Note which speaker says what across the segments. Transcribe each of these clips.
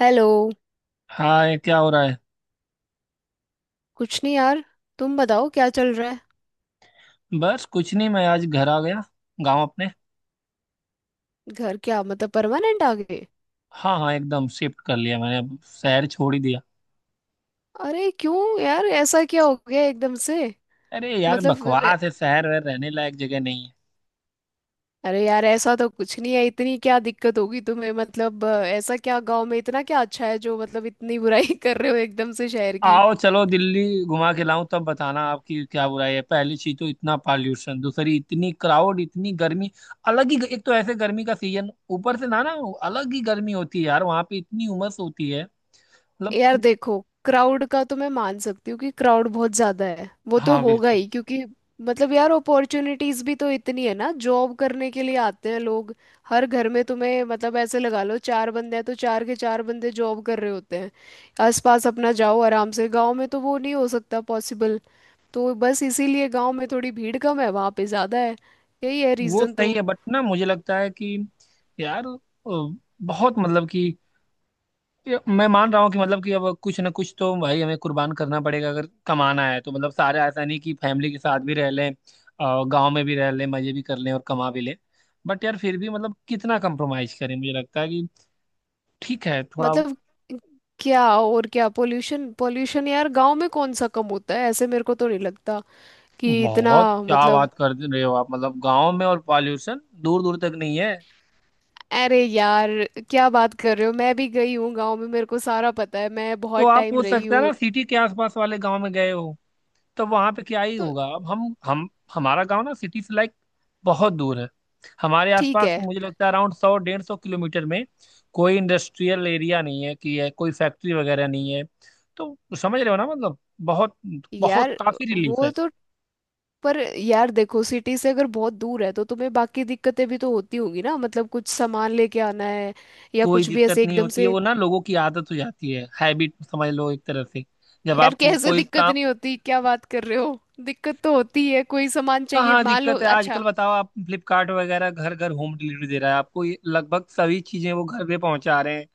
Speaker 1: Hello.
Speaker 2: Hi, क्या हो रहा है।
Speaker 1: कुछ नहीं यार, तुम बताओ क्या चल रहा है।
Speaker 2: बस कुछ नहीं, मैं आज घर आ गया। गांव अपने।
Speaker 1: घर क्या मतलब परमानेंट आ गए?
Speaker 2: हाँ हाँ एकदम शिफ्ट कर लिया मैंने, अब शहर छोड़ ही दिया।
Speaker 1: अरे क्यों यार, ऐसा क्या हो गया एकदम से?
Speaker 2: अरे यार,
Speaker 1: मतलब अ,
Speaker 2: बकवास है शहर वहर, रहने लायक जगह नहीं है।
Speaker 1: अरे यार, ऐसा तो कुछ नहीं है, इतनी क्या दिक्कत होगी तुम्हें। मतलब ऐसा क्या गांव में, इतना क्या अच्छा है जो मतलब इतनी बुराई कर रहे हो एकदम से शहर की।
Speaker 2: आओ चलो दिल्ली घुमा के लाऊं तब बताना आपकी क्या बुराई है। पहली चीज तो इतना पॉल्यूशन, दूसरी इतनी क्राउड, इतनी गर्मी। अलग ही, एक तो ऐसे गर्मी का सीजन, ऊपर से ना ना अलग ही गर्मी होती है यार, वहां पे इतनी उमस होती है। मतलब,
Speaker 1: यार देखो, क्राउड का तो मैं मान सकती हूँ कि क्राउड बहुत ज्यादा है, वो तो
Speaker 2: हाँ
Speaker 1: होगा
Speaker 2: बिल्कुल।
Speaker 1: ही क्योंकि मतलब यार अपॉर्चुनिटीज भी तो इतनी है ना, जॉब करने के लिए आते हैं लोग। हर घर में तुम्हें मतलब ऐसे लगा लो चार बंदे हैं तो चार के चार बंदे जॉब कर रहे होते हैं। आसपास अपना जाओ, आराम से, गांव में तो वो नहीं हो सकता पॉसिबल। तो बस इसीलिए गांव में थोड़ी भीड़ कम है, वहां पे ज्यादा है। यही है
Speaker 2: वो
Speaker 1: रीजन
Speaker 2: सही
Speaker 1: तो।
Speaker 2: है बट ना, मुझे लगता है कि यार बहुत मतलब कि, ये मैं मान रहा हूँ कि मतलब कि अब कुछ ना कुछ तो भाई हमें कुर्बान करना पड़ेगा, अगर कमाना है तो। मतलब सारे ऐसा नहीं कि फैमिली के साथ भी रह लें और गांव में भी रह लें, मजे भी कर लें और कमा भी लें। बट यार फिर भी मतलब, कितना कंप्रोमाइज करें। मुझे लगता है कि ठीक है थोड़ा
Speaker 1: मतलब क्या, और क्या पोल्यूशन पोल्यूशन, यार गांव में कौन सा कम होता है? ऐसे मेरे को तो नहीं लगता कि इतना।
Speaker 2: बहुत। क्या
Speaker 1: मतलब
Speaker 2: बात कर रहे हो आप, मतलब गांव में और पॉल्यूशन, दूर दूर तक नहीं है।
Speaker 1: अरे यार, क्या बात कर रहे हो, मैं भी गई हूँ गांव में, मेरे को सारा पता है, मैं
Speaker 2: तो
Speaker 1: बहुत
Speaker 2: आप
Speaker 1: टाइम
Speaker 2: हो
Speaker 1: रही
Speaker 2: सकता है ना
Speaker 1: हूँ।
Speaker 2: सिटी के आसपास वाले गांव में गए हो, तो वहां पे क्या ही
Speaker 1: तो
Speaker 2: होगा। अब हम, हमारा गांव ना सिटी से लाइक बहुत दूर है। हमारे
Speaker 1: ठीक
Speaker 2: आसपास
Speaker 1: है।
Speaker 2: मुझे लगता है अराउंड 100 डेढ़ सौ किलोमीटर में कोई इंडस्ट्रियल एरिया नहीं है, कि है कोई फैक्ट्री वगैरह नहीं है। तो समझ रहे हो ना मतलब, बहुत बहुत
Speaker 1: यार
Speaker 2: काफी रिलीफ
Speaker 1: वो
Speaker 2: है।
Speaker 1: तो, पर यार देखो, सिटी से अगर बहुत दूर है तो तुम्हें बाकी दिक्कतें भी तो होती होगी ना। मतलब कुछ सामान लेके आना है या
Speaker 2: कोई
Speaker 1: कुछ भी
Speaker 2: दिक्कत
Speaker 1: ऐसे
Speaker 2: नहीं
Speaker 1: एकदम
Speaker 2: होती है,
Speaker 1: से।
Speaker 2: वो ना लोगों की आदत हो जाती है, हैबिट समझ लो एक तरह से। जब
Speaker 1: यार
Speaker 2: आप वो
Speaker 1: कैसे
Speaker 2: कोई
Speaker 1: दिक्कत
Speaker 2: काम,
Speaker 1: नहीं होती, क्या बात कर रहे हो? दिक्कत तो होती है, कोई सामान चाहिए
Speaker 2: कहाँ
Speaker 1: मान लो।
Speaker 2: दिक्कत है आजकल
Speaker 1: अच्छा
Speaker 2: बताओ। आप फ्लिपकार्ट वगैरह घर घर होम डिलीवरी दे रहा है, आपको ये लगभग सभी चीजें वो घर पे पहुंचा रहे हैं।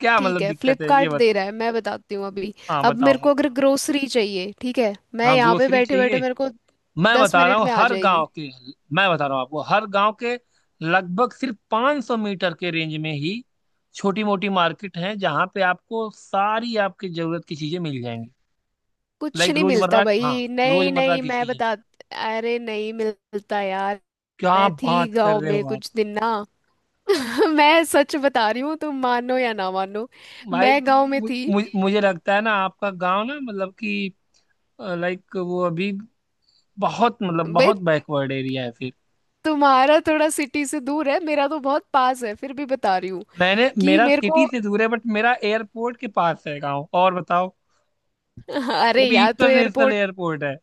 Speaker 2: क्या
Speaker 1: ठीक
Speaker 2: मतलब
Speaker 1: है,
Speaker 2: दिक्कत है ये
Speaker 1: फ्लिपकार्ट दे रहा
Speaker 2: बताओ।
Speaker 1: है, मैं बताती हूँ अभी।
Speaker 2: हाँ
Speaker 1: अब
Speaker 2: बताओ
Speaker 1: मेरे
Speaker 2: आप।
Speaker 1: को अगर ग्रोसरी चाहिए, ठीक है, मैं
Speaker 2: हाँ
Speaker 1: यहाँ पे
Speaker 2: ग्रोसरी
Speaker 1: बैठे बैठे,
Speaker 2: चाहिए।
Speaker 1: मेरे को
Speaker 2: मैं
Speaker 1: दस
Speaker 2: बता रहा
Speaker 1: मिनट
Speaker 2: हूँ
Speaker 1: में आ
Speaker 2: हर
Speaker 1: जाएगी।
Speaker 2: गांव के, मैं बता रहा हूँ आपको, हर गांव के लगभग सिर्फ 500 मीटर के रेंज में ही छोटी मोटी मार्केट है, जहाँ पे आपको सारी आपकी जरूरत की चीजें मिल जाएंगी।
Speaker 1: कुछ
Speaker 2: लाइक
Speaker 1: नहीं मिलता
Speaker 2: रोजमर्रा, हाँ
Speaker 1: भाई, नहीं
Speaker 2: रोजमर्रा
Speaker 1: नहीं,
Speaker 2: की
Speaker 1: मैं
Speaker 2: चीजें।
Speaker 1: बता, अरे नहीं मिलता यार,
Speaker 2: क्या
Speaker 1: मैं थी
Speaker 2: बात कर
Speaker 1: गांव
Speaker 2: रहे
Speaker 1: में
Speaker 2: हो आप
Speaker 1: कुछ दिन ना। मैं सच बता रही हूँ, तुम मानो या ना मानो,
Speaker 2: भाई,
Speaker 1: मैं गांव में
Speaker 2: मु,
Speaker 1: थी।
Speaker 2: मु, मुझे लगता है ना आपका गांव ना मतलब कि लाइक वो अभी बहुत मतलब
Speaker 1: भाई
Speaker 2: बहुत बैकवर्ड एरिया है फिर।
Speaker 1: तुम्हारा थोड़ा सिटी से दूर है, मेरा तो बहुत पास है, फिर भी बता रही हूँ
Speaker 2: मैंने,
Speaker 1: कि
Speaker 2: मेरा
Speaker 1: मेरे
Speaker 2: सिटी
Speaker 1: को
Speaker 2: से दूर है बट मेरा एयरपोर्ट के पास है गाँव, और बताओ वो
Speaker 1: अरे
Speaker 2: भी
Speaker 1: यार तो
Speaker 2: इंटरनेशनल
Speaker 1: एयरपोर्ट,
Speaker 2: एयरपोर्ट है।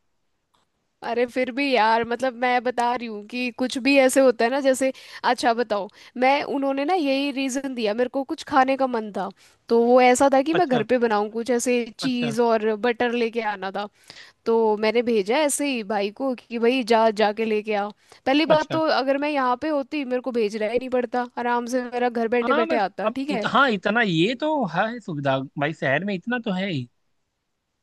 Speaker 1: अरे फिर भी यार, मतलब मैं बता रही हूँ कि कुछ भी ऐसे होता है ना, जैसे अच्छा बताओ, मैं उन्होंने ना यही रीज़न दिया मेरे को। कुछ खाने का मन था तो वो ऐसा था कि मैं घर
Speaker 2: अच्छा,
Speaker 1: पे बनाऊँ कुछ ऐसे
Speaker 2: अच्छा,
Speaker 1: चीज़, और बटर लेके आना था। तो मैंने भेजा ऐसे ही भाई को कि भाई जा, जाके लेके आ। पहली बात
Speaker 2: अच्छा।
Speaker 1: तो अगर मैं यहाँ पे होती मेरे को भेजना ही नहीं पड़ता, आराम से मेरा घर बैठे
Speaker 2: हाँ मैं,
Speaker 1: बैठे आता।
Speaker 2: अब
Speaker 1: ठीक है,
Speaker 2: हाँ इतना ये तो है सुविधा, भाई शहर में इतना तो है ही।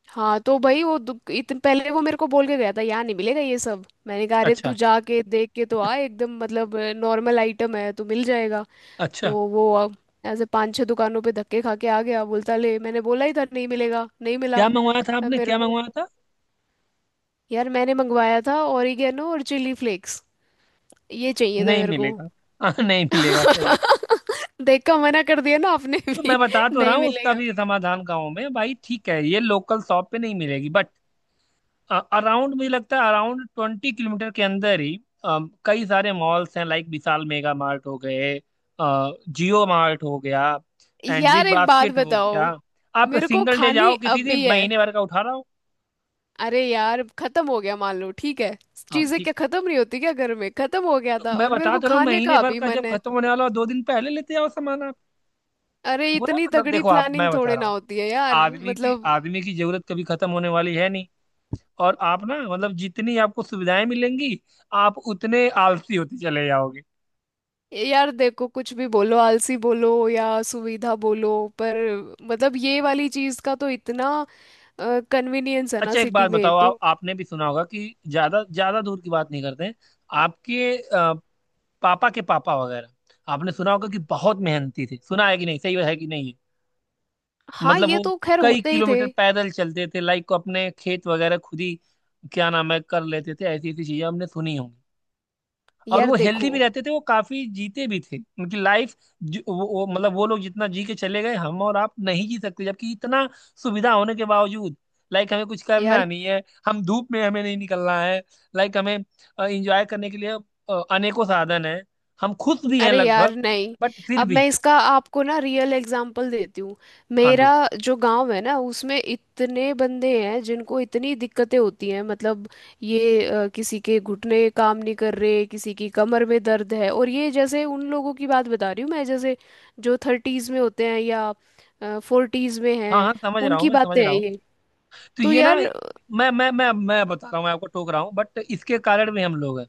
Speaker 1: हाँ तो भाई वो पहले वो मेरे को बोल के गया था यहाँ नहीं मिलेगा ये सब। मैंने कहा अरे तू
Speaker 2: अच्छा,
Speaker 1: जाके देख के तो आ, एकदम मतलब नॉर्मल आइटम है तो मिल जाएगा। तो
Speaker 2: अच्छा।
Speaker 1: वो अब ऐसे पांच छह दुकानों पे धक्के खा के आ गया, बोलता ले, मैंने बोला ही था नहीं मिलेगा, नहीं मिला।
Speaker 2: क्या मंगवाया था
Speaker 1: अब
Speaker 2: आपने,
Speaker 1: मेरे
Speaker 2: क्या
Speaker 1: को,
Speaker 2: मंगवाया था।
Speaker 1: यार मैंने मंगवाया था ओरिगेनो और चिली फ्लेक्स, ये चाहिए थे
Speaker 2: नहीं
Speaker 1: मेरे को।
Speaker 2: मिलेगा। हाँ, नहीं मिलेगा सही।
Speaker 1: देख का मना कर दिया ना आपने
Speaker 2: तो मैं
Speaker 1: भी
Speaker 2: बता तो रहा
Speaker 1: नहीं
Speaker 2: हूँ उसका
Speaker 1: मिलेगा।
Speaker 2: भी समाधान गाँव में। भाई ठीक है ये लोकल शॉप पे नहीं मिलेगी, बट अराउंड मुझे लगता है अराउंड 20 किलोमीटर के अंदर ही अ, कई सारे मॉल्स हैं। लाइक विशाल मेगा मार्ट हो गए, जियो मार्ट हो गया, एंड बिग
Speaker 1: यार एक बात
Speaker 2: बास्केट हो
Speaker 1: बताओ,
Speaker 2: गया। आप
Speaker 1: मेरे को
Speaker 2: सिंगल डे
Speaker 1: खानी
Speaker 2: जाओ किसी
Speaker 1: अभी
Speaker 2: दिन,
Speaker 1: है।
Speaker 2: महीने भर का उठा रहा हूँ।
Speaker 1: अरे यार, खत्म हो गया मान लो, ठीक है,
Speaker 2: हाँ
Speaker 1: चीजें
Speaker 2: ठीक।
Speaker 1: क्या खत्म नहीं होती क्या? घर में खत्म हो गया
Speaker 2: तो
Speaker 1: था
Speaker 2: मैं
Speaker 1: और मेरे
Speaker 2: बता
Speaker 1: को
Speaker 2: तो रहा हूँ,
Speaker 1: खाने
Speaker 2: महीने
Speaker 1: का
Speaker 2: भर
Speaker 1: अभी
Speaker 2: का जब
Speaker 1: मन है।
Speaker 2: खत्म होने वाला हो 2 दिन पहले लेते आओ सामान आप।
Speaker 1: अरे
Speaker 2: वो ना
Speaker 1: इतनी
Speaker 2: मतलब
Speaker 1: तगड़ी
Speaker 2: देखो, आप,
Speaker 1: प्लानिंग
Speaker 2: मैं बता
Speaker 1: थोड़े
Speaker 2: रहा
Speaker 1: ना
Speaker 2: हूँ,
Speaker 1: होती है यार।
Speaker 2: आदमी की
Speaker 1: मतलब
Speaker 2: आदमी की जरूरत कभी खत्म होने वाली है नहीं। और आप ना मतलब, जितनी आपको सुविधाएं मिलेंगी आप उतने आलसी होते चले जाओगे।
Speaker 1: यार देखो, कुछ भी बोलो, आलसी बोलो या सुविधा बोलो, पर मतलब ये वाली चीज का तो इतना कन्वीनियंस है ना
Speaker 2: अच्छा एक
Speaker 1: सिटी
Speaker 2: बात
Speaker 1: में
Speaker 2: बताओ आप,
Speaker 1: तो।
Speaker 2: आपने भी सुना होगा कि ज्यादा ज्यादा दूर की बात नहीं करते हैं, आपके पापा के पापा वगैरह, आपने सुना होगा कि बहुत मेहनती थे, सुना है कि नहीं, सही है कि नहीं।
Speaker 1: हाँ
Speaker 2: मतलब
Speaker 1: ये
Speaker 2: वो
Speaker 1: तो खैर
Speaker 2: कई
Speaker 1: होते ही थे।
Speaker 2: किलोमीटर पैदल चलते थे, लाइक अपने खेत वगैरह खुद ही क्या नाम है कर लेते थे। ऐसी ऐसी चीजें हमने सुनी होंगी, और
Speaker 1: यार
Speaker 2: वो हेल्दी
Speaker 1: देखो,
Speaker 2: भी रहते थे, वो काफी जीते भी थे उनकी लाइफ। वो मतलब, वो लोग जितना जी के चले गए हम और आप नहीं जी सकते, जबकि इतना सुविधा होने के बावजूद। लाइक हमें कुछ करना
Speaker 1: यार,
Speaker 2: नहीं है, हम धूप में हमें नहीं निकलना है। लाइक हमें एंजॉय करने के लिए अनेकों साधन है। हम खुश भी हैं
Speaker 1: अरे यार
Speaker 2: लगभग,
Speaker 1: नहीं,
Speaker 2: बट फिर
Speaker 1: अब
Speaker 2: भी।
Speaker 1: मैं इसका आपको ना रियल एग्जाम्पल देती हूँ।
Speaker 2: हाँ
Speaker 1: मेरा
Speaker 2: दो।
Speaker 1: जो गांव है ना, उसमें इतने बंदे हैं जिनको इतनी दिक्कतें होती हैं। मतलब ये किसी के घुटने काम नहीं कर रहे, किसी की कमर में दर्द है, और ये जैसे उन लोगों की बात बता रही हूँ मैं जैसे जो थर्टीज में होते हैं या फोर्टीज में
Speaker 2: हाँ
Speaker 1: हैं।
Speaker 2: हाँ समझ रहा हूँ,
Speaker 1: उनकी
Speaker 2: मैं समझ
Speaker 1: बातें हैं
Speaker 2: रहा हूँ।
Speaker 1: ये।
Speaker 2: तो
Speaker 1: तो
Speaker 2: ये ना,
Speaker 1: यार
Speaker 2: मैं बता रहा हूँ, मैं आपको टोक रहा हूँ बट इसके कारण भी हम लोग हैं।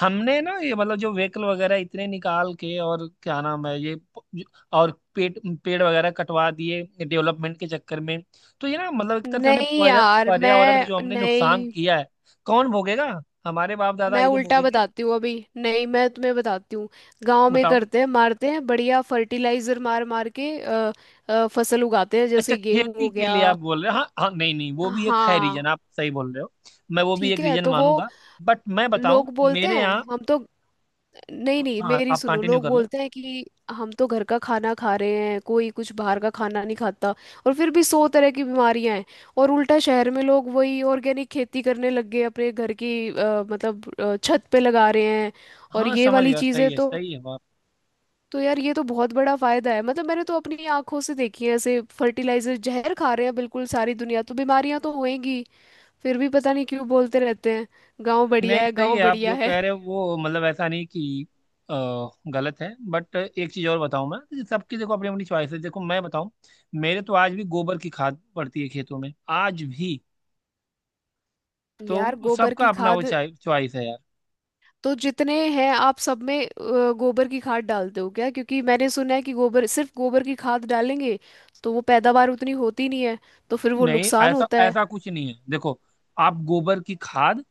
Speaker 2: हमने ना ये मतलब जो व्हीकल वगैरह इतने निकाल के, और क्या नाम है ये और पेड़ पेड़ वगैरह कटवा दिए डेवलपमेंट के चक्कर में। तो ये ना मतलब, एक तरह से हमने
Speaker 1: नहीं यार,
Speaker 2: पर्यावरण का
Speaker 1: मैं
Speaker 2: जो हमने नुकसान
Speaker 1: नहीं
Speaker 2: किया है, कौन भोगेगा। हमारे बाप दादा
Speaker 1: मैं
Speaker 2: ये तो
Speaker 1: उल्टा
Speaker 2: भोगेंगे।
Speaker 1: बताती हूँ अभी। नहीं, मैं तुम्हें बताती हूँ, गांव में
Speaker 2: बताओ।
Speaker 1: करते हैं, मारते हैं बढ़िया फर्टिलाइजर मार मार के। फसल उगाते हैं,
Speaker 2: अच्छा
Speaker 1: जैसे गेहूं
Speaker 2: खेती
Speaker 1: हो
Speaker 2: के
Speaker 1: गया।
Speaker 2: लिए आप बोल रहे हो, हाँ हाँ नहीं नहीं, वो भी एक है
Speaker 1: हाँ
Speaker 2: रीजन, आप सही बोल रहे हो। मैं वो भी एक
Speaker 1: ठीक है।
Speaker 2: रीजन
Speaker 1: तो वो
Speaker 2: मानूंगा। बट मैं बताऊं
Speaker 1: लोग बोलते
Speaker 2: मेरे
Speaker 1: हैं,
Speaker 2: यहाँ।
Speaker 1: हम तो, नहीं नहीं
Speaker 2: हाँ
Speaker 1: मेरी
Speaker 2: आप
Speaker 1: सुनो,
Speaker 2: कंटिन्यू
Speaker 1: लोग
Speaker 2: कर लो।
Speaker 1: बोलते हैं कि हम तो घर का खाना खा रहे हैं, कोई कुछ बाहर का खाना नहीं खाता, और फिर भी सौ तरह की बीमारियां हैं। और उल्टा शहर में लोग वही ऑर्गेनिक खेती करने लग गए, अपने घर की मतलब छत पे लगा रहे हैं। और
Speaker 2: हाँ
Speaker 1: ये
Speaker 2: समझ
Speaker 1: वाली
Speaker 2: गया, सही
Speaker 1: चीजें
Speaker 2: है,
Speaker 1: तो
Speaker 2: सही है।
Speaker 1: तो यार ये तो बहुत बड़ा फायदा है। मतलब मैंने तो अपनी आंखों से देखी है, ऐसे फर्टिलाइजर जहर खा रहे हैं बिल्कुल सारी दुनिया, तो बीमारियां तो होएंगी। फिर भी पता नहीं क्यों बोलते रहते हैं गांव
Speaker 2: नहीं
Speaker 1: बढ़िया है,
Speaker 2: सही
Speaker 1: गांव
Speaker 2: है, आप
Speaker 1: बढ़िया
Speaker 2: जो
Speaker 1: है।
Speaker 2: कह रहे हो वो मतलब ऐसा नहीं कि अ, गलत है। बट एक चीज़ और बताऊं मैं तो, सबकी देखो अपनी अपनी चॉइस है। देखो मैं बताऊं, मेरे तो आज भी गोबर की खाद पड़ती है खेतों में, आज भी।
Speaker 1: यार
Speaker 2: तो
Speaker 1: गोबर
Speaker 2: सबका
Speaker 1: की
Speaker 2: अपना वो
Speaker 1: खाद,
Speaker 2: चॉइस है यार।
Speaker 1: तो जितने हैं आप सब में गोबर की खाद डालते हो क्या? क्योंकि मैंने सुना है कि गोबर, सिर्फ गोबर की खाद डालेंगे तो वो पैदावार उतनी होती नहीं है, तो फिर वो
Speaker 2: नहीं
Speaker 1: नुकसान
Speaker 2: ऐसा
Speaker 1: होता है।
Speaker 2: ऐसा कुछ नहीं है, देखो आप गोबर की खाद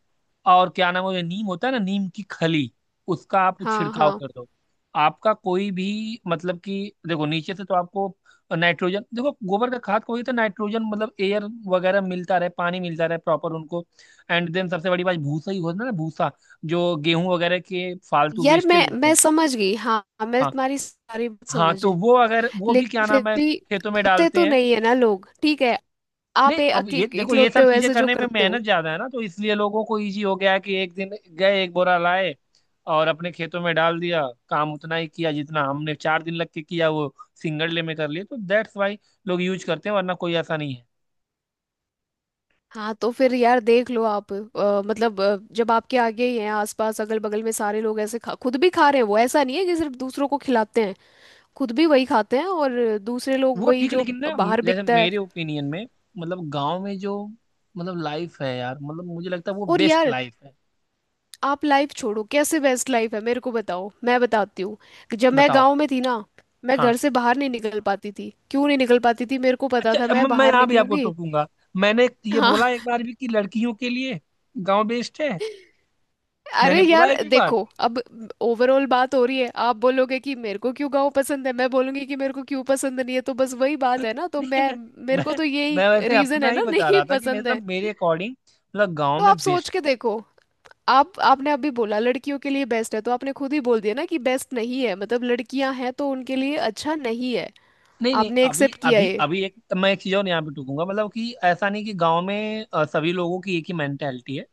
Speaker 2: और क्या नाम है, नीम होता है ना, नीम की खली, उसका आप
Speaker 1: हाँ
Speaker 2: छिड़काव
Speaker 1: हाँ,
Speaker 2: कर दो। आपका कोई भी मतलब कि, देखो नीचे से तो आपको नाइट्रोजन, देखो गोबर का खाद को ही तो नाइट्रोजन मतलब एयर वगैरह मिलता रहे, पानी मिलता रहे प्रॉपर उनको। एंड देन सबसे बड़ी बात भूसा ही होता है ना, भूसा जो गेहूं वगैरह के फालतू
Speaker 1: यार
Speaker 2: वेस्टेज होते
Speaker 1: मैं
Speaker 2: हैं।
Speaker 1: समझ गई। हाँ मैं
Speaker 2: हाँ
Speaker 1: तुम्हारी सारी बात
Speaker 2: हाँ
Speaker 1: समझ
Speaker 2: तो
Speaker 1: रही।
Speaker 2: वो अगर वो भी क्या
Speaker 1: लेकिन फिर
Speaker 2: नाम है
Speaker 1: भी
Speaker 2: खेतों में
Speaker 1: करते
Speaker 2: डालते
Speaker 1: तो
Speaker 2: हैं।
Speaker 1: नहीं है ना लोग, ठीक है। आप
Speaker 2: नहीं अब ये देखो, ये
Speaker 1: इकलौते
Speaker 2: सब
Speaker 1: हो
Speaker 2: चीजें
Speaker 1: ऐसे जो
Speaker 2: करने में
Speaker 1: करते हो।
Speaker 2: मेहनत ज्यादा है ना, तो इसलिए लोगों को इजी हो गया है कि एक दिन गए, एक बोरा लाए, और अपने खेतों में डाल दिया। काम उतना ही किया जितना हमने 4 दिन लग के किया, वो सिंगल डे में कर लिए, तो दैट्स वाई लोग यूज करते हैं, वरना कोई ऐसा नहीं है।
Speaker 1: हाँ तो फिर यार देख लो आप, मतलब जब आपके आगे ही हैं आसपास अगल बगल में, सारे लोग ऐसे खा, खुद भी खा रहे हैं, वो ऐसा नहीं है कि सिर्फ दूसरों को खिलाते हैं, खुद भी वही खाते हैं, और दूसरे लोग
Speaker 2: वो
Speaker 1: वही
Speaker 2: ठीक है
Speaker 1: जो
Speaker 2: लेकिन ना,
Speaker 1: बाहर
Speaker 2: जैसे
Speaker 1: बिकता है।
Speaker 2: मेरे ओपिनियन में, मतलब गांव में जो मतलब लाइफ है यार, मतलब मुझे लगता है वो
Speaker 1: और
Speaker 2: बेस्ट
Speaker 1: यार
Speaker 2: लाइफ है।
Speaker 1: आप लाइफ छोड़ो, कैसे बेस्ट लाइफ है मेरे को बताओ, मैं बताती हूँ। जब मैं
Speaker 2: बताओ।
Speaker 1: गांव में थी ना, मैं
Speaker 2: हाँ।
Speaker 1: घर से बाहर नहीं निकल पाती थी। क्यों नहीं निकल पाती थी? मेरे को पता
Speaker 2: अच्छा
Speaker 1: था
Speaker 2: अब
Speaker 1: मैं
Speaker 2: मैं
Speaker 1: बाहर
Speaker 2: यहाँ भी आपको
Speaker 1: निकलूंगी।
Speaker 2: टोकूंगा। मैंने ये
Speaker 1: हाँ,
Speaker 2: बोला एक बार भी कि लड़कियों के लिए गांव बेस्ट है,
Speaker 1: अरे
Speaker 2: मैंने बोला
Speaker 1: यार
Speaker 2: एक भी बार।
Speaker 1: देखो, अब ओवरऑल बात हो रही है। आप बोलोगे कि मेरे को क्यों गाँव पसंद है, मैं बोलूंगी कि मेरे को क्यों पसंद नहीं है, तो बस वही बात है ना। तो
Speaker 2: नहीं
Speaker 1: मैं,
Speaker 2: मैं
Speaker 1: मेरे को
Speaker 2: मैं
Speaker 1: तो यही
Speaker 2: मैं वैसे
Speaker 1: रीजन
Speaker 2: अपना
Speaker 1: है
Speaker 2: ही
Speaker 1: ना
Speaker 2: बता
Speaker 1: नहीं
Speaker 2: रहा था कि
Speaker 1: पसंद है।
Speaker 2: मतलब मेरे अकॉर्डिंग मतलब गांव
Speaker 1: तो
Speaker 2: में
Speaker 1: आप सोच
Speaker 2: बेस्ट।
Speaker 1: के देखो, आप आपने अभी बोला लड़कियों के लिए बेस्ट है, तो आपने खुद ही बोल दिया ना कि बेस्ट नहीं है, मतलब लड़कियां हैं तो उनके लिए अच्छा नहीं है।
Speaker 2: नहीं नहीं,
Speaker 1: आपने
Speaker 2: अभी
Speaker 1: एक्सेप्ट किया
Speaker 2: अभी
Speaker 1: ये।
Speaker 2: अभी एक तो मैं एक चीज और यहाँ पे टूकूंगा, मतलब कि ऐसा नहीं कि गांव में सभी लोगों की एक ही मेंटेलिटी है।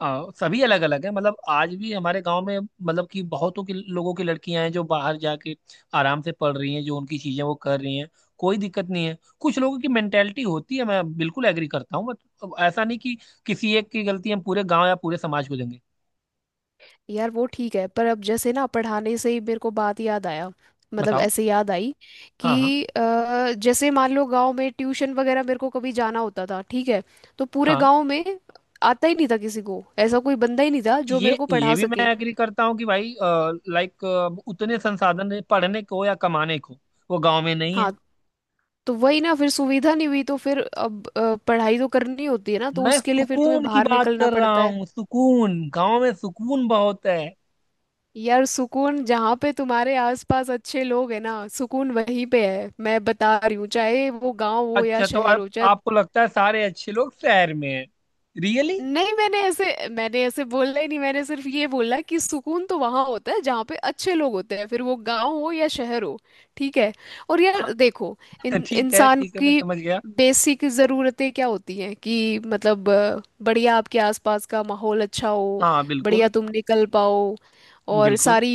Speaker 2: सभी अलग अलग है, मतलब आज भी हमारे गांव में मतलब कि बहुतों की लोगों की लड़कियां हैं जो बाहर जाके आराम से पढ़ रही हैं, जो उनकी चीजें वो कर रही हैं, कोई दिक्कत नहीं है। कुछ लोगों की मेंटेलिटी होती है, मैं बिल्कुल एग्री करता हूँ, बट ऐसा नहीं कि किसी एक की गलती हम पूरे गांव या पूरे समाज को देंगे।
Speaker 1: यार वो ठीक है पर अब जैसे ना, पढ़ाने से ही मेरे को बात याद आया, मतलब
Speaker 2: बताओ।
Speaker 1: ऐसे याद आई
Speaker 2: हाँ हाँ।
Speaker 1: कि जैसे मान लो गांव में ट्यूशन वगैरह मेरे को कभी जाना होता था, ठीक है, तो पूरे
Speaker 2: हाँ,
Speaker 1: गांव में आता ही नहीं था किसी को, ऐसा कोई बंदा ही नहीं
Speaker 2: हाँ
Speaker 1: था जो मेरे को
Speaker 2: ये
Speaker 1: पढ़ा
Speaker 2: भी मैं
Speaker 1: सके।
Speaker 2: एग्री करता हूँ कि भाई, लाइक उतने संसाधन हैं पढ़ने को या कमाने को वो गांव में नहीं है।
Speaker 1: हाँ तो वही ना, फिर सुविधा नहीं हुई तो फिर अब पढ़ाई तो करनी होती है ना, तो
Speaker 2: मैं
Speaker 1: उसके लिए फिर तुम्हें
Speaker 2: सुकून की
Speaker 1: बाहर
Speaker 2: बात
Speaker 1: निकलना
Speaker 2: कर रहा
Speaker 1: पड़ता है।
Speaker 2: हूँ, सुकून, गांव में सुकून बहुत है।
Speaker 1: यार सुकून जहाँ पे तुम्हारे आसपास अच्छे लोग हैं ना, सुकून वहीं पे है, मैं बता रही हूँ, चाहे वो गांव हो या
Speaker 2: अच्छा तो
Speaker 1: शहर
Speaker 2: आप,
Speaker 1: हो, चाहे
Speaker 2: आपको लगता है सारे अच्छे लोग शहर में हैं, रियली?
Speaker 1: नहीं। मैंने ऐसे बोला ही नहीं, मैंने सिर्फ ये बोला कि सुकून तो वहां होता है जहाँ पे अच्छे लोग होते हैं, फिर वो गांव हो या शहर हो। ठीक है। और
Speaker 2: हाँ
Speaker 1: यार देखो इन
Speaker 2: ठीक है,
Speaker 1: इंसान
Speaker 2: ठीक है मैं
Speaker 1: की
Speaker 2: समझ गया।
Speaker 1: बेसिक ज़रूरतें क्या होती हैं कि मतलब बढ़िया आपके आसपास का माहौल अच्छा हो,
Speaker 2: हाँ
Speaker 1: बढ़िया
Speaker 2: बिल्कुल।
Speaker 1: तुम निकल पाओ, और
Speaker 2: बिल्कुल।
Speaker 1: सारी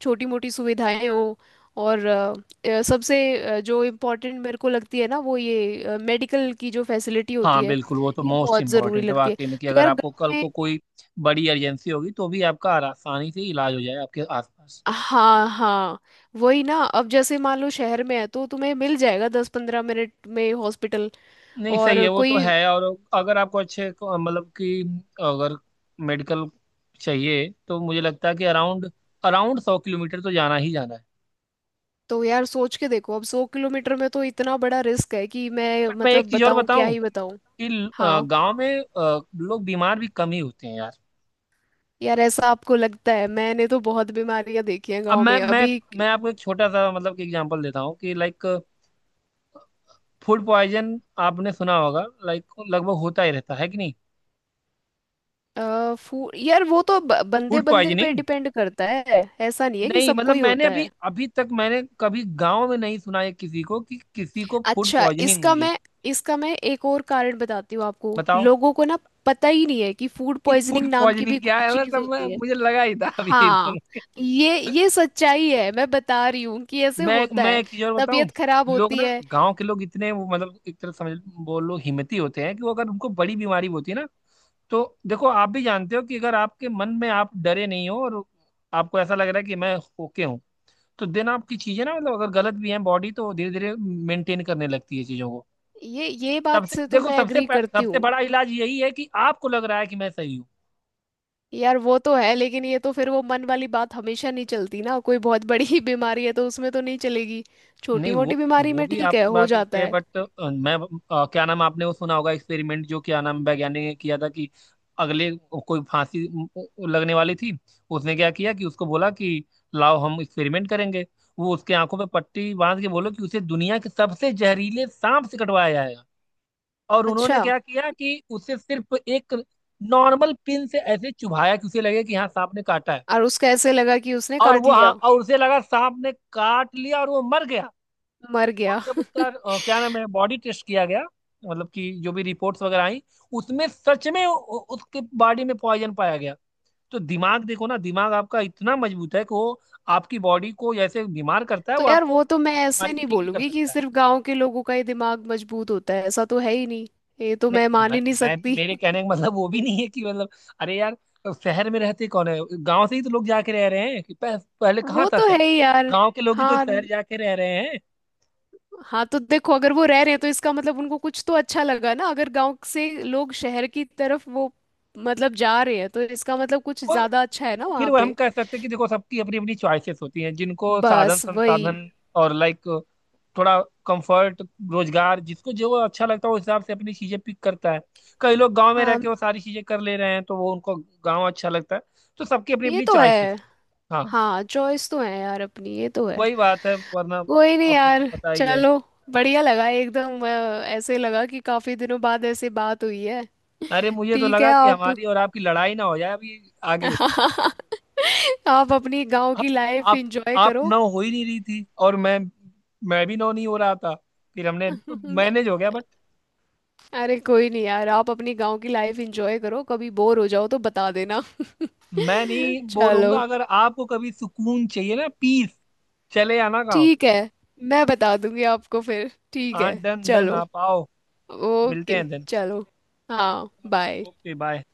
Speaker 1: छोटी मोटी सुविधाएं हो। और सबसे जो इम्पोर्टेंट मेरे को लगती है ना, वो ये मेडिकल की जो फैसिलिटी होती
Speaker 2: हाँ
Speaker 1: है,
Speaker 2: बिल्कुल, वो तो
Speaker 1: ये
Speaker 2: मोस्ट
Speaker 1: बहुत जरूरी
Speaker 2: इम्पोर्टेंट है
Speaker 1: लगती है।
Speaker 2: वाकई में, कि
Speaker 1: तो
Speaker 2: अगर
Speaker 1: यार
Speaker 2: आपको
Speaker 1: गाँव
Speaker 2: कल
Speaker 1: में,
Speaker 2: को कोई बड़ी एजेंसी होगी तो भी आपका आसानी से इलाज हो जाए आपके आसपास।
Speaker 1: हाँ हाँ, वही ना। अब जैसे मान लो शहर में है तो तुम्हें मिल जाएगा 10-15 मिनट में हॉस्पिटल।
Speaker 2: नहीं सही
Speaker 1: और
Speaker 2: है, वो तो
Speaker 1: कोई,
Speaker 2: है। और अगर आपको मतलब कि, अगर मेडिकल चाहिए, तो मुझे लगता है कि अराउंड, अराउंड 100 किलोमीटर तो जाना ही जाना है।
Speaker 1: तो यार सोच के देखो अब 100 किलोमीटर में तो इतना बड़ा रिस्क है कि मैं
Speaker 2: बट मैं एक
Speaker 1: मतलब
Speaker 2: चीज़ और
Speaker 1: बताऊं क्या
Speaker 2: बताऊं
Speaker 1: ही बताऊं।
Speaker 2: कि
Speaker 1: हाँ,
Speaker 2: गांव में लोग बीमार भी कम ही होते हैं यार।
Speaker 1: यार ऐसा आपको लगता है? मैंने तो बहुत बीमारियां देखी हैं
Speaker 2: अब
Speaker 1: गांव
Speaker 2: मैं,
Speaker 1: में
Speaker 2: मैं
Speaker 1: अभी।
Speaker 2: मैं आपको एक छोटा सा मतलब कि एग्जांपल देता हूँ कि लाइक, फूड पॉइजन आपने सुना होगा, लाइक लगभग होता ही रहता है कि नहीं,
Speaker 1: आ, फू यार वो तो बंदे
Speaker 2: फूड
Speaker 1: बंदे पे
Speaker 2: पॉइजनिंग।
Speaker 1: डिपेंड करता है, ऐसा नहीं है कि
Speaker 2: नहीं
Speaker 1: सबको
Speaker 2: मतलब
Speaker 1: ही
Speaker 2: मैंने
Speaker 1: होता
Speaker 2: अभी
Speaker 1: है।
Speaker 2: अभी तक मैंने कभी गांव में नहीं सुना है किसी को कि किसी को फूड
Speaker 1: अच्छा,
Speaker 2: पॉइजनिंग हुई है।
Speaker 1: इसका मैं एक और कारण बताती हूँ आपको।
Speaker 2: बताओ
Speaker 1: लोगों को ना पता ही नहीं है कि फूड
Speaker 2: कि फूड
Speaker 1: पॉइजनिंग नाम की भी
Speaker 2: पॉइजनिंग क्या
Speaker 1: कोई
Speaker 2: है
Speaker 1: चीज
Speaker 2: मतलब, मैं
Speaker 1: होती है।
Speaker 2: मुझे लगा ही था अभी
Speaker 1: हाँ,
Speaker 2: बोल के।
Speaker 1: ये सच्चाई है, मैं बता रही हूँ कि ऐसे
Speaker 2: मैं
Speaker 1: होता
Speaker 2: मैं
Speaker 1: है,
Speaker 2: एक चीज और बताऊं,
Speaker 1: तबीयत खराब
Speaker 2: लोग
Speaker 1: होती
Speaker 2: ना,
Speaker 1: है।
Speaker 2: गांव के लोग इतने वो मतलब एक तरह समझ बोलो हिम्मती होते हैं, कि वो अगर उनको बड़ी बीमारी होती है ना, तो देखो आप भी जानते हो कि अगर आपके मन में आप डरे नहीं हो, और आपको ऐसा लग रहा है कि मैं ओके हूँ, तो दिन आपकी चीजें ना, मतलब अगर गलत भी है बॉडी तो धीरे धीरे मेंटेन करने लगती है चीजों को।
Speaker 1: ये बात
Speaker 2: सबसे
Speaker 1: से तो
Speaker 2: देखो
Speaker 1: मैं
Speaker 2: सबसे
Speaker 1: एग्री करती
Speaker 2: सबसे
Speaker 1: हूँ।
Speaker 2: बड़ा इलाज यही है कि आपको लग रहा है कि मैं सही हूँ।
Speaker 1: यार वो तो है, लेकिन ये तो फिर वो मन वाली बात हमेशा नहीं चलती ना, कोई बहुत बड़ी बीमारी है तो उसमें तो नहीं चलेगी, छोटी
Speaker 2: नहीं वो,
Speaker 1: मोटी बीमारी
Speaker 2: वो
Speaker 1: में
Speaker 2: भी
Speaker 1: ठीक है
Speaker 2: आपकी
Speaker 1: हो
Speaker 2: बात होती
Speaker 1: जाता
Speaker 2: है
Speaker 1: है।
Speaker 2: बट मैं क्या नाम, आपने वो सुना होगा एक्सपेरिमेंट जो क्या नाम वैज्ञानिक ने किया था, कि अगले कोई फांसी लगने वाली थी। उसने क्या किया कि उसको बोला कि लाओ हम एक्सपेरिमेंट करेंगे। वो उसके आंखों पे पट्टी बांध के बोलो कि उसे दुनिया के सबसे जहरीले सांप से कटवाया जाएगा। और उन्होंने
Speaker 1: अच्छा,
Speaker 2: क्या किया कि उसे सिर्फ एक नॉर्मल पिन से ऐसे चुभाया कि उसे लगे कि हाँ सांप ने काटा है।
Speaker 1: और उसका ऐसे लगा कि उसने
Speaker 2: और
Speaker 1: काट
Speaker 2: वो, हाँ
Speaker 1: लिया,
Speaker 2: और उसे लगा सांप ने काट लिया और वो मर गया।
Speaker 1: मर
Speaker 2: और
Speaker 1: गया।
Speaker 2: जब उसका क्या नाम है बॉडी टेस्ट किया गया, मतलब कि जो भी रिपोर्ट्स वगैरह आई, उसमें सच में उसके बॉडी में पॉइजन पाया गया। तो दिमाग देखो ना, दिमाग आपका इतना मजबूत है कि वो आपकी बॉडी को जैसे बीमार करता है,
Speaker 1: तो
Speaker 2: वो
Speaker 1: यार
Speaker 2: आपको
Speaker 1: वो तो मैं
Speaker 2: आपकी बीमारी
Speaker 1: ऐसे
Speaker 2: को
Speaker 1: नहीं
Speaker 2: ठीक भी कर
Speaker 1: बोलूंगी कि
Speaker 2: सकता है।
Speaker 1: सिर्फ गांव के लोगों का ही दिमाग मजबूत होता है, ऐसा तो है ही नहीं, ये तो मैं
Speaker 2: नहीं
Speaker 1: मान
Speaker 2: मैं,
Speaker 1: ही नहीं
Speaker 2: मैं
Speaker 1: सकती।
Speaker 2: मेरे कहने का मतलब वो भी नहीं है कि मतलब, अरे यार शहर में रहते कौन है, गांव से ही तो लोग जाके रह रहे हैं। कि पहले कहाँ
Speaker 1: वो
Speaker 2: था
Speaker 1: तो
Speaker 2: शहर,
Speaker 1: है ही यार।
Speaker 2: गांव के लोग ही तो
Speaker 1: हाँ
Speaker 2: शहर जाके रह रहे।
Speaker 1: हाँ तो देखो, अगर वो रह रहे हैं तो इसका मतलब उनको कुछ तो अच्छा लगा ना। अगर गांव से लोग शहर की तरफ वो मतलब जा रहे हैं, तो इसका मतलब कुछ
Speaker 2: वो
Speaker 1: ज्यादा अच्छा है ना
Speaker 2: वो फिर
Speaker 1: वहाँ
Speaker 2: वो हम
Speaker 1: पे।
Speaker 2: कह सकते हैं कि देखो सबकी अपनी अपनी चॉइसेस होती हैं, जिनको साधन
Speaker 1: बस वही।
Speaker 2: संसाधन और लाइक थोड़ा कंफर्ट रोजगार, जिसको जो अच्छा लगता है उस हिसाब से अपनी चीजें पिक करता है। कई लोग गांव में रह
Speaker 1: हाँ
Speaker 2: के वो सारी चीजें कर ले रहे हैं, तो वो उनको गांव अच्छा लगता है। तो सबकी अपनी
Speaker 1: ये
Speaker 2: अपनी
Speaker 1: तो
Speaker 2: चॉइसेस।
Speaker 1: है।
Speaker 2: हाँ
Speaker 1: हाँ चॉइस तो है यार अपनी, ये तो है।
Speaker 2: वही बात है, वरना
Speaker 1: कोई नहीं
Speaker 2: आपको तो
Speaker 1: यार,
Speaker 2: पता ही है।
Speaker 1: चलो, बढ़िया लगा एकदम। ऐसे लगा कि काफी दिनों बाद ऐसे बात हुई है।
Speaker 2: अरे मुझे तो
Speaker 1: ठीक है
Speaker 2: लगा कि
Speaker 1: आप,
Speaker 2: हमारी और आपकी लड़ाई ना हो जाए अभी आगे।
Speaker 1: आप अपनी गांव
Speaker 2: आप
Speaker 1: की लाइफ
Speaker 2: आप
Speaker 1: एंजॉय
Speaker 2: आप
Speaker 1: करो।
Speaker 2: नौ हो ही नहीं रही थी और मैं भी नौ नहीं हो रहा था, फिर हमने मैनेज हो गया बट।
Speaker 1: अरे कोई नहीं यार, आप अपनी गांव की लाइफ एंजॉय करो, कभी बोर हो जाओ तो बता देना।
Speaker 2: मैं नहीं बोर
Speaker 1: चलो,
Speaker 2: होऊंगा, अगर आपको कभी सुकून चाहिए ना, पीस, चले आना गाँव।
Speaker 1: ठीक है, मैं बता दूंगी आपको फिर। ठीक है
Speaker 2: हाँ डन डन,
Speaker 1: चलो।
Speaker 2: आप आओ। मिलते
Speaker 1: ओके
Speaker 2: हैं देन।
Speaker 1: चलो। हाँ बाय।
Speaker 2: Okay bye.